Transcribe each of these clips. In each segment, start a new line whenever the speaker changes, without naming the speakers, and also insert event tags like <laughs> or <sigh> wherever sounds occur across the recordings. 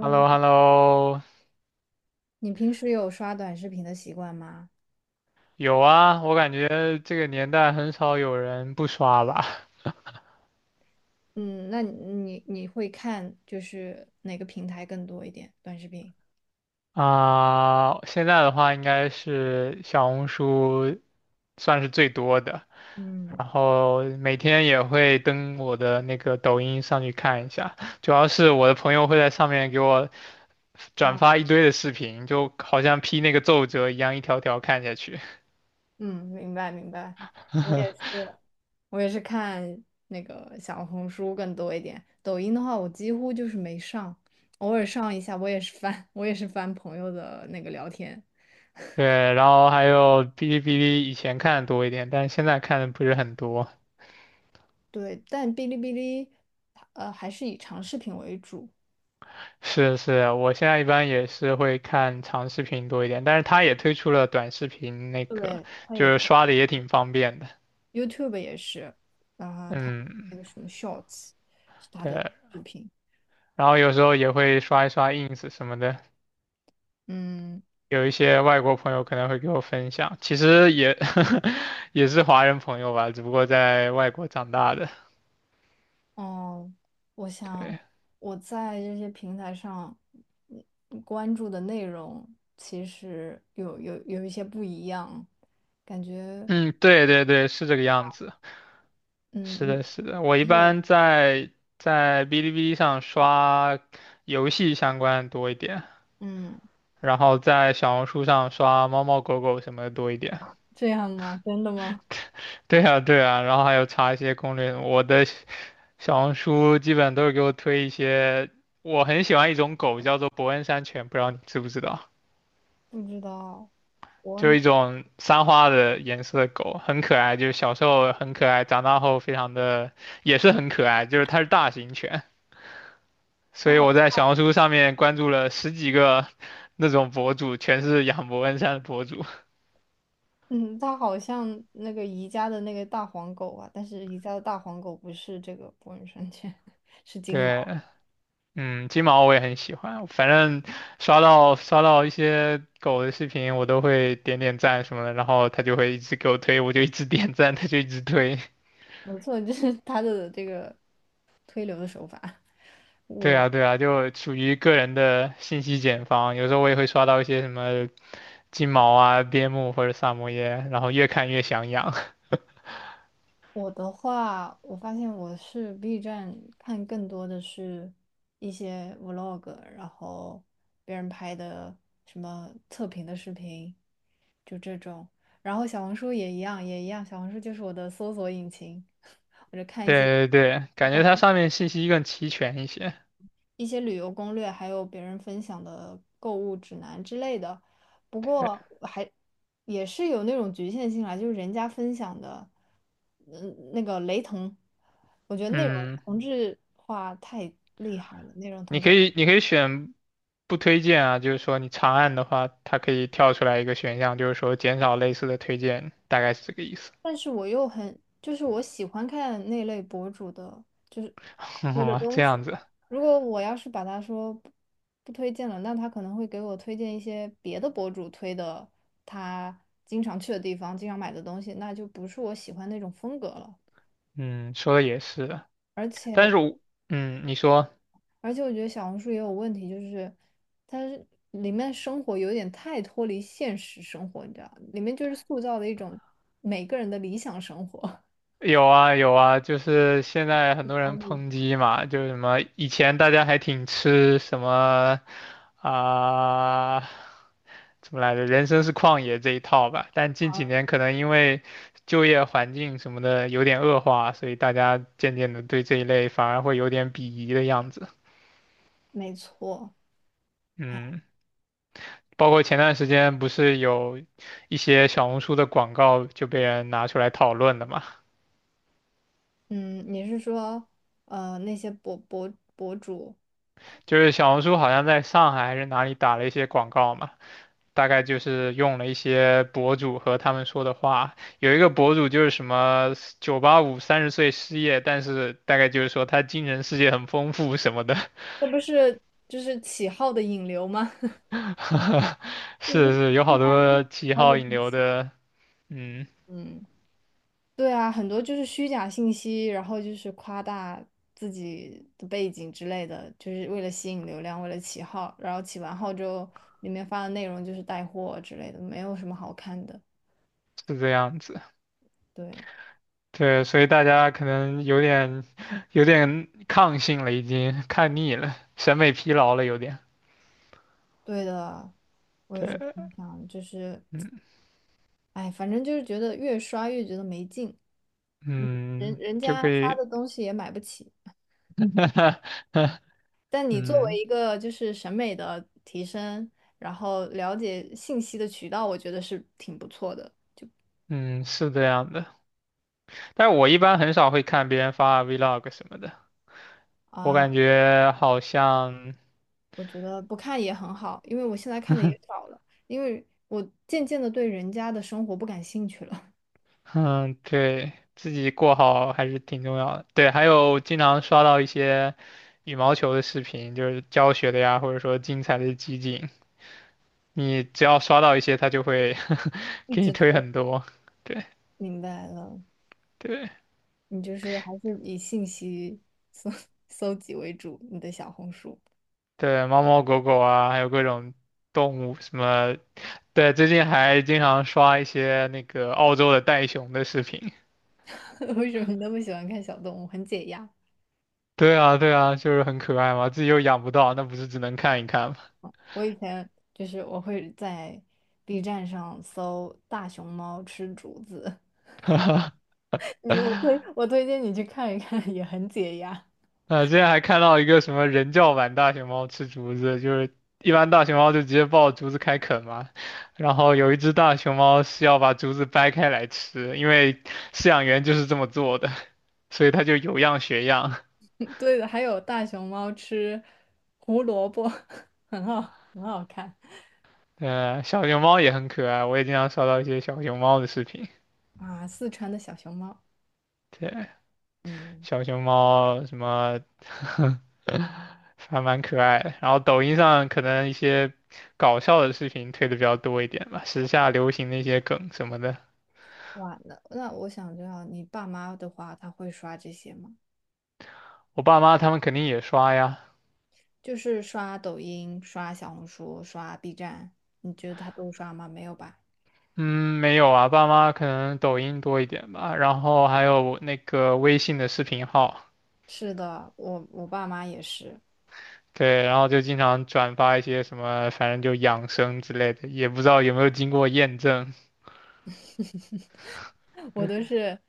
h e l l o h e l l o
你平时有刷短视频的习惯吗？
有啊，我感觉这个年代很少有人不刷吧。
嗯。那你会看就是哪个平台更多一点？短视频。
啊、现在的话应该是小红书算是最多的，
嗯。
然后每天也会登我的那个抖音上去看一下，主要是我的朋友会在上面给我转
哦。
发一堆的视频，就好像批那个奏折一样，一条条看下去。
嗯。明白明白。我也是，
<laughs>
我也是看那个小红书更多一点，抖音的话我几乎就是没上，偶尔上一下，我也是翻，<laughs> 我也是翻朋友的那个聊天。
对，然后还有哔哩哔哩，以前看的多一点，但是现在看的不是很多。
对，但哔哩哔哩，还是以长视频为主。
是啊，我现在一般也是会看长视频多一点，但是它也推出了短视频，那个
对。它
就
也。
是刷的也挺方便的。
YouTube 也是，然后它
嗯，
那个什么 Shorts 是它的
对，
视频。
然后有时候也会刷一刷 ins 什么的，
嗯。
有一些外国朋友可能会给我分享，其实也 <laughs> 也是华人朋友吧，只不过在外国长大的。
哦。我想
对，
我在这些平台上关注的内容其实有一些不一样，感觉。
嗯，对对对，是这个样子。
嗯
是
你
的，是的，我一般在哔哩哔哩上刷游戏相关的多一点。
嗯
然后在小红书上刷猫猫狗狗什么的多一点。
这样吗？真的吗？
<laughs> 对啊，对啊，然后还有查一些攻略。我的小红书基本都是给我推一些，我很喜欢一种狗叫做伯恩山犬，不知道你知不知道？
不知道。我
就是一种三花的颜色的狗，很可爱，就是小时候很可爱，长大后非常的也是很可爱，就是它是大型犬。所
他
以
好
我在小红书上面关注了十几个那种博主，全是养伯恩山的博主。
嗯他好像那个宜家的那个大黄狗啊，但是宜家的大黄狗不是这个博人生犬，<laughs> 是
<laughs>
金毛。
对，嗯，金毛我也很喜欢，反正刷到一些狗的视频，我都会点点赞什么的，然后它就会一直给我推，我就一直点赞，它就一直推。
没错，就是他的这个推流的手法。<laughs>
<laughs> 对
我
啊，对啊，就属于个人的信息茧房。有时候我也会刷到一些什么金毛啊、边牧或者萨摩耶，然后越看越想养。
我的话，我发现我是 B 站看更多的是一些 vlog，然后别人拍的什么测评的视频，就这种。然后小红书也一样，小红书就是我的搜索引擎，<laughs> 我就
<laughs>
看一些。
对对对，感觉它上面信息更齐全一些。
一些旅游攻略，还有别人分享的购物指南之类的。不
<laughs> 对，
过还也是有那种局限性啦，就是人家分享的，那个雷同，我觉得内容
嗯，
同质化太厉害了，内容
你
同质
可
化。
以你可以选不推荐啊，就是说你长按的话，它可以跳出来一个选项，就是说减少类似的推荐，大概是这个意思。
但是我又很，就是我喜欢看那类博主的推的
<laughs>
东
这
西。
样子，
如果我要是把他说不推荐了，那他可能会给我推荐一些别的博主推的他经常去的地方、经常买的东西，那就不是我喜欢那种风格了。
嗯，说的也是，
而且，
但是我，嗯，你说。
而且，我觉得小红书也有问题，就是它是里面生活有点太脱离现实生活，你知道，里面就是塑造的一种每个人的理想生活。<laughs>
有啊有啊，就是现在很多
焦
人
虑。
抨击嘛，就是什么以前大家还挺吃什么啊、怎么来着，人生是旷野这一套吧，但近几年可能因为就业环境什么的有点恶化，所以大家渐渐的对这一类反而会有点鄙夷的样子。
没错。
嗯，包括前段时间不是有一些小红书的广告就被人拿出来讨论的嘛，
嗯，你是说那些博主？
就是小红书好像在上海还是哪里打了一些广告嘛。大概就是用了一些博主和他们说的话，有一个博主就是什么98530岁失业，但是大概就是说他精神世界很丰富什么的，
这不是就是起号的引流吗？<laughs>
<laughs> 是
嗯。
是有
一
好
般
多七
好
号
久
引
不
流
洗。
的，嗯，
嗯，对啊，很多就是虚假信息，然后就是夸大自己的背景之类的，就是为了吸引流量，为了起号，然后起完号之后，里面发的内容就是带货之类的，没有什么好看的。
是这样子，
对。
对，所以大家可能有点抗性了，已经看腻了，审美疲劳了，有点，
对的，我也是这
对，
么想，就是，哎，反正就是觉得越刷越觉得没劲。嗯。
嗯，
人
就
家
可
发
以，
的东西也买不起。
<laughs>
但你作
嗯
为一个就是审美的提升，然后了解信息的渠道，我觉得是挺不错的。
嗯，是这样的。但我一般很少会看别人发 vlog 什么的，我
啊。
感觉好像，
我觉得不看也很好，因为我现在看的也少了，因为我渐渐的对人家的生活不感兴趣了。
嗯，对，自己过好还是挺重要的。对，还有经常刷到一些羽毛球的视频，就是教学的呀，或者说精彩的集锦，你只要刷到一些，他就会
<laughs>
<laughs>
一
给你
直推。
推很多。对
明白了，
对
你就是还是以信息搜 <laughs> 搜集为主，你的小红书。
对，猫猫狗狗啊，还有各种动物什么。对，最近还经常刷一些那个澳洲的袋熊的视频。
<laughs> 为什么你那么喜欢看小动物？很解压。
对啊，对啊，就是很可爱嘛，自己又养不到，那不是只能看一看吗？
我以前就是我会在 B 站上搜大熊猫吃竹子。
<laughs>
你我推荐你去看一看，也很解压。
啊，之前还看到一个什么人教版大熊猫吃竹子，就是一般大熊猫就直接抱竹子开啃嘛，然后有一只大熊猫是要把竹子掰开来吃，因为饲养员就是这么做的，<laughs> 所以它就有样学样。
对的，还有大熊猫吃胡萝卜，<laughs> 很好看。
呃，小熊猫也很可爱，我也经常刷到一些小熊猫的视频。
啊，四川的小熊猫。
对，
嗯。
小熊猫什么 <laughs> 还蛮可爱的。然后抖音上可能一些搞笑的视频推的比较多一点吧，时下流行那些梗什么的，
哇，那我想知道你爸妈的话，他会刷这些吗？
我爸妈他们肯定也刷呀。
就是刷抖音、刷小红书、刷 B 站，你觉得他都刷吗？没有吧？
嗯，没有啊，爸妈可能抖音多一点吧，然后还有我那个微信的视频号，
是的，我爸妈也是。
对，然后就经常转发一些什么，反正就养生之类的，也不知道有没有经过验证。
<laughs> 我都是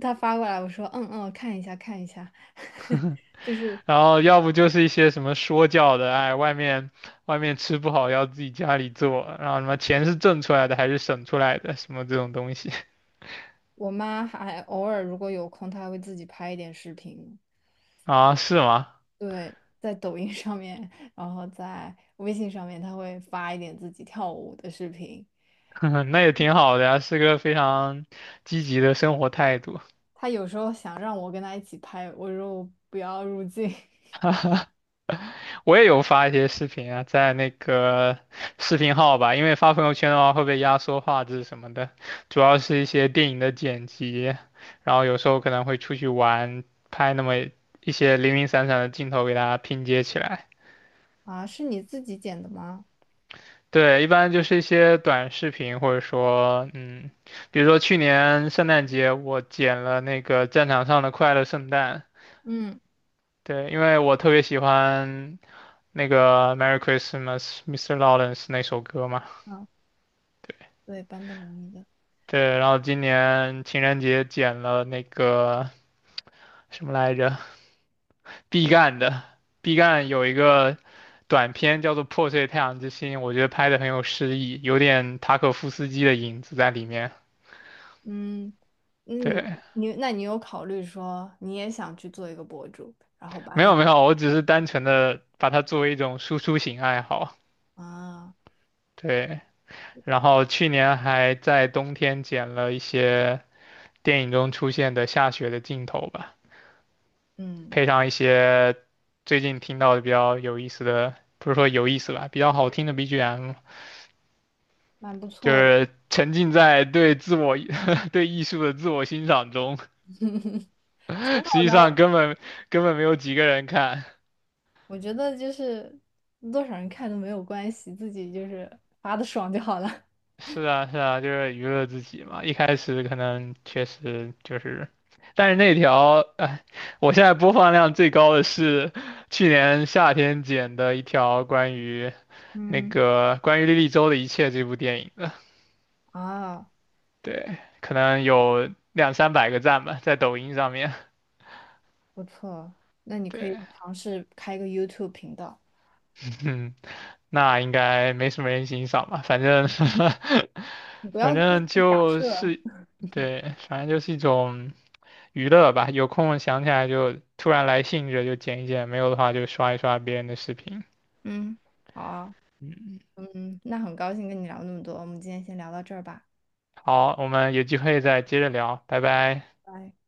他发过来，我说嗯嗯，看一下看一下，<laughs> 就是
然后要不就是一些什么说教的，哎，外面吃不好要自己家里做，然后什么钱是挣出来的还是省出来的，什么这种东西
我妈还偶尔如果有空，她还会自己拍一点视频。
<laughs> 啊，是吗？
对，在抖音上面，然后在微信上面，她会发一点自己跳舞的视频。
<laughs> 那也挺好的呀，是个非常积极的生活态度。
她有时候想让我跟她一起拍，我说我不要入镜。 <laughs>
我也有发一些视频啊，在那个视频号吧，因为发朋友圈的话会被压缩画质什么的，主要是一些电影的剪辑，然后有时候可能会出去玩，拍那么一些零零散散的镜头给大家拼接起来。
啊，是你自己剪的吗？
对，一般就是一些短视频，或者说，嗯，比如说去年圣诞节，我剪了那个战场上的快乐圣诞。
嗯。
对，因为我特别喜欢那个《Merry Christmas, Mr. Lawrence》那首歌嘛。
啊，对，版本容易的。
对，然后今年情人节剪了那个什么来着，毕赣的。毕赣有一个短片叫做《破碎太阳之心》，我觉得拍的很有诗意，有点塔可夫斯基的影子在里面。
嗯嗯。
对。
那你有考虑说你也想去做一个博主，然后把
没有
你
没有，我只是单纯的把它作为一种输出型爱好。
啊。
对，然后去年还在冬天剪了一些电影中出现的下雪的镜头吧，
嗯，
配上一些最近听到的比较有意思的，不是说有意思吧，比较好听的 BGM,
蛮不
就
错的。
是沉浸在对自我 <laughs> 对艺术的自我欣赏中。实际上根本没有几个人看。
我觉得就是多少人看都没有关系，自己就是发的爽就好了。<laughs>
是啊，是啊，就是娱乐自己嘛。一开始可能确实就是，但是那条，哎，我现在播放量最高的是去年夏天剪的一条关于那
嗯。
个关于莉莉周的一切这部电影的，
啊，
对，可能有2、300个赞吧，在抖音上面。
不错，那你可以
对，
尝试开一个 YouTube 频道，
嗯，那应该没什么人欣赏吧，反正，
你不
<laughs> 反
要就是
正
假
就
设。
是，对，反正就是一种。娱乐吧，有空想起来就突然来兴致就剪一剪，没有的话就刷一刷别人的视频。
嗯。好啊。
嗯，
嗯，那很高兴跟你聊那么多，我们今天先聊到这儿吧。
好，我们有机会再接着聊，拜拜。
拜。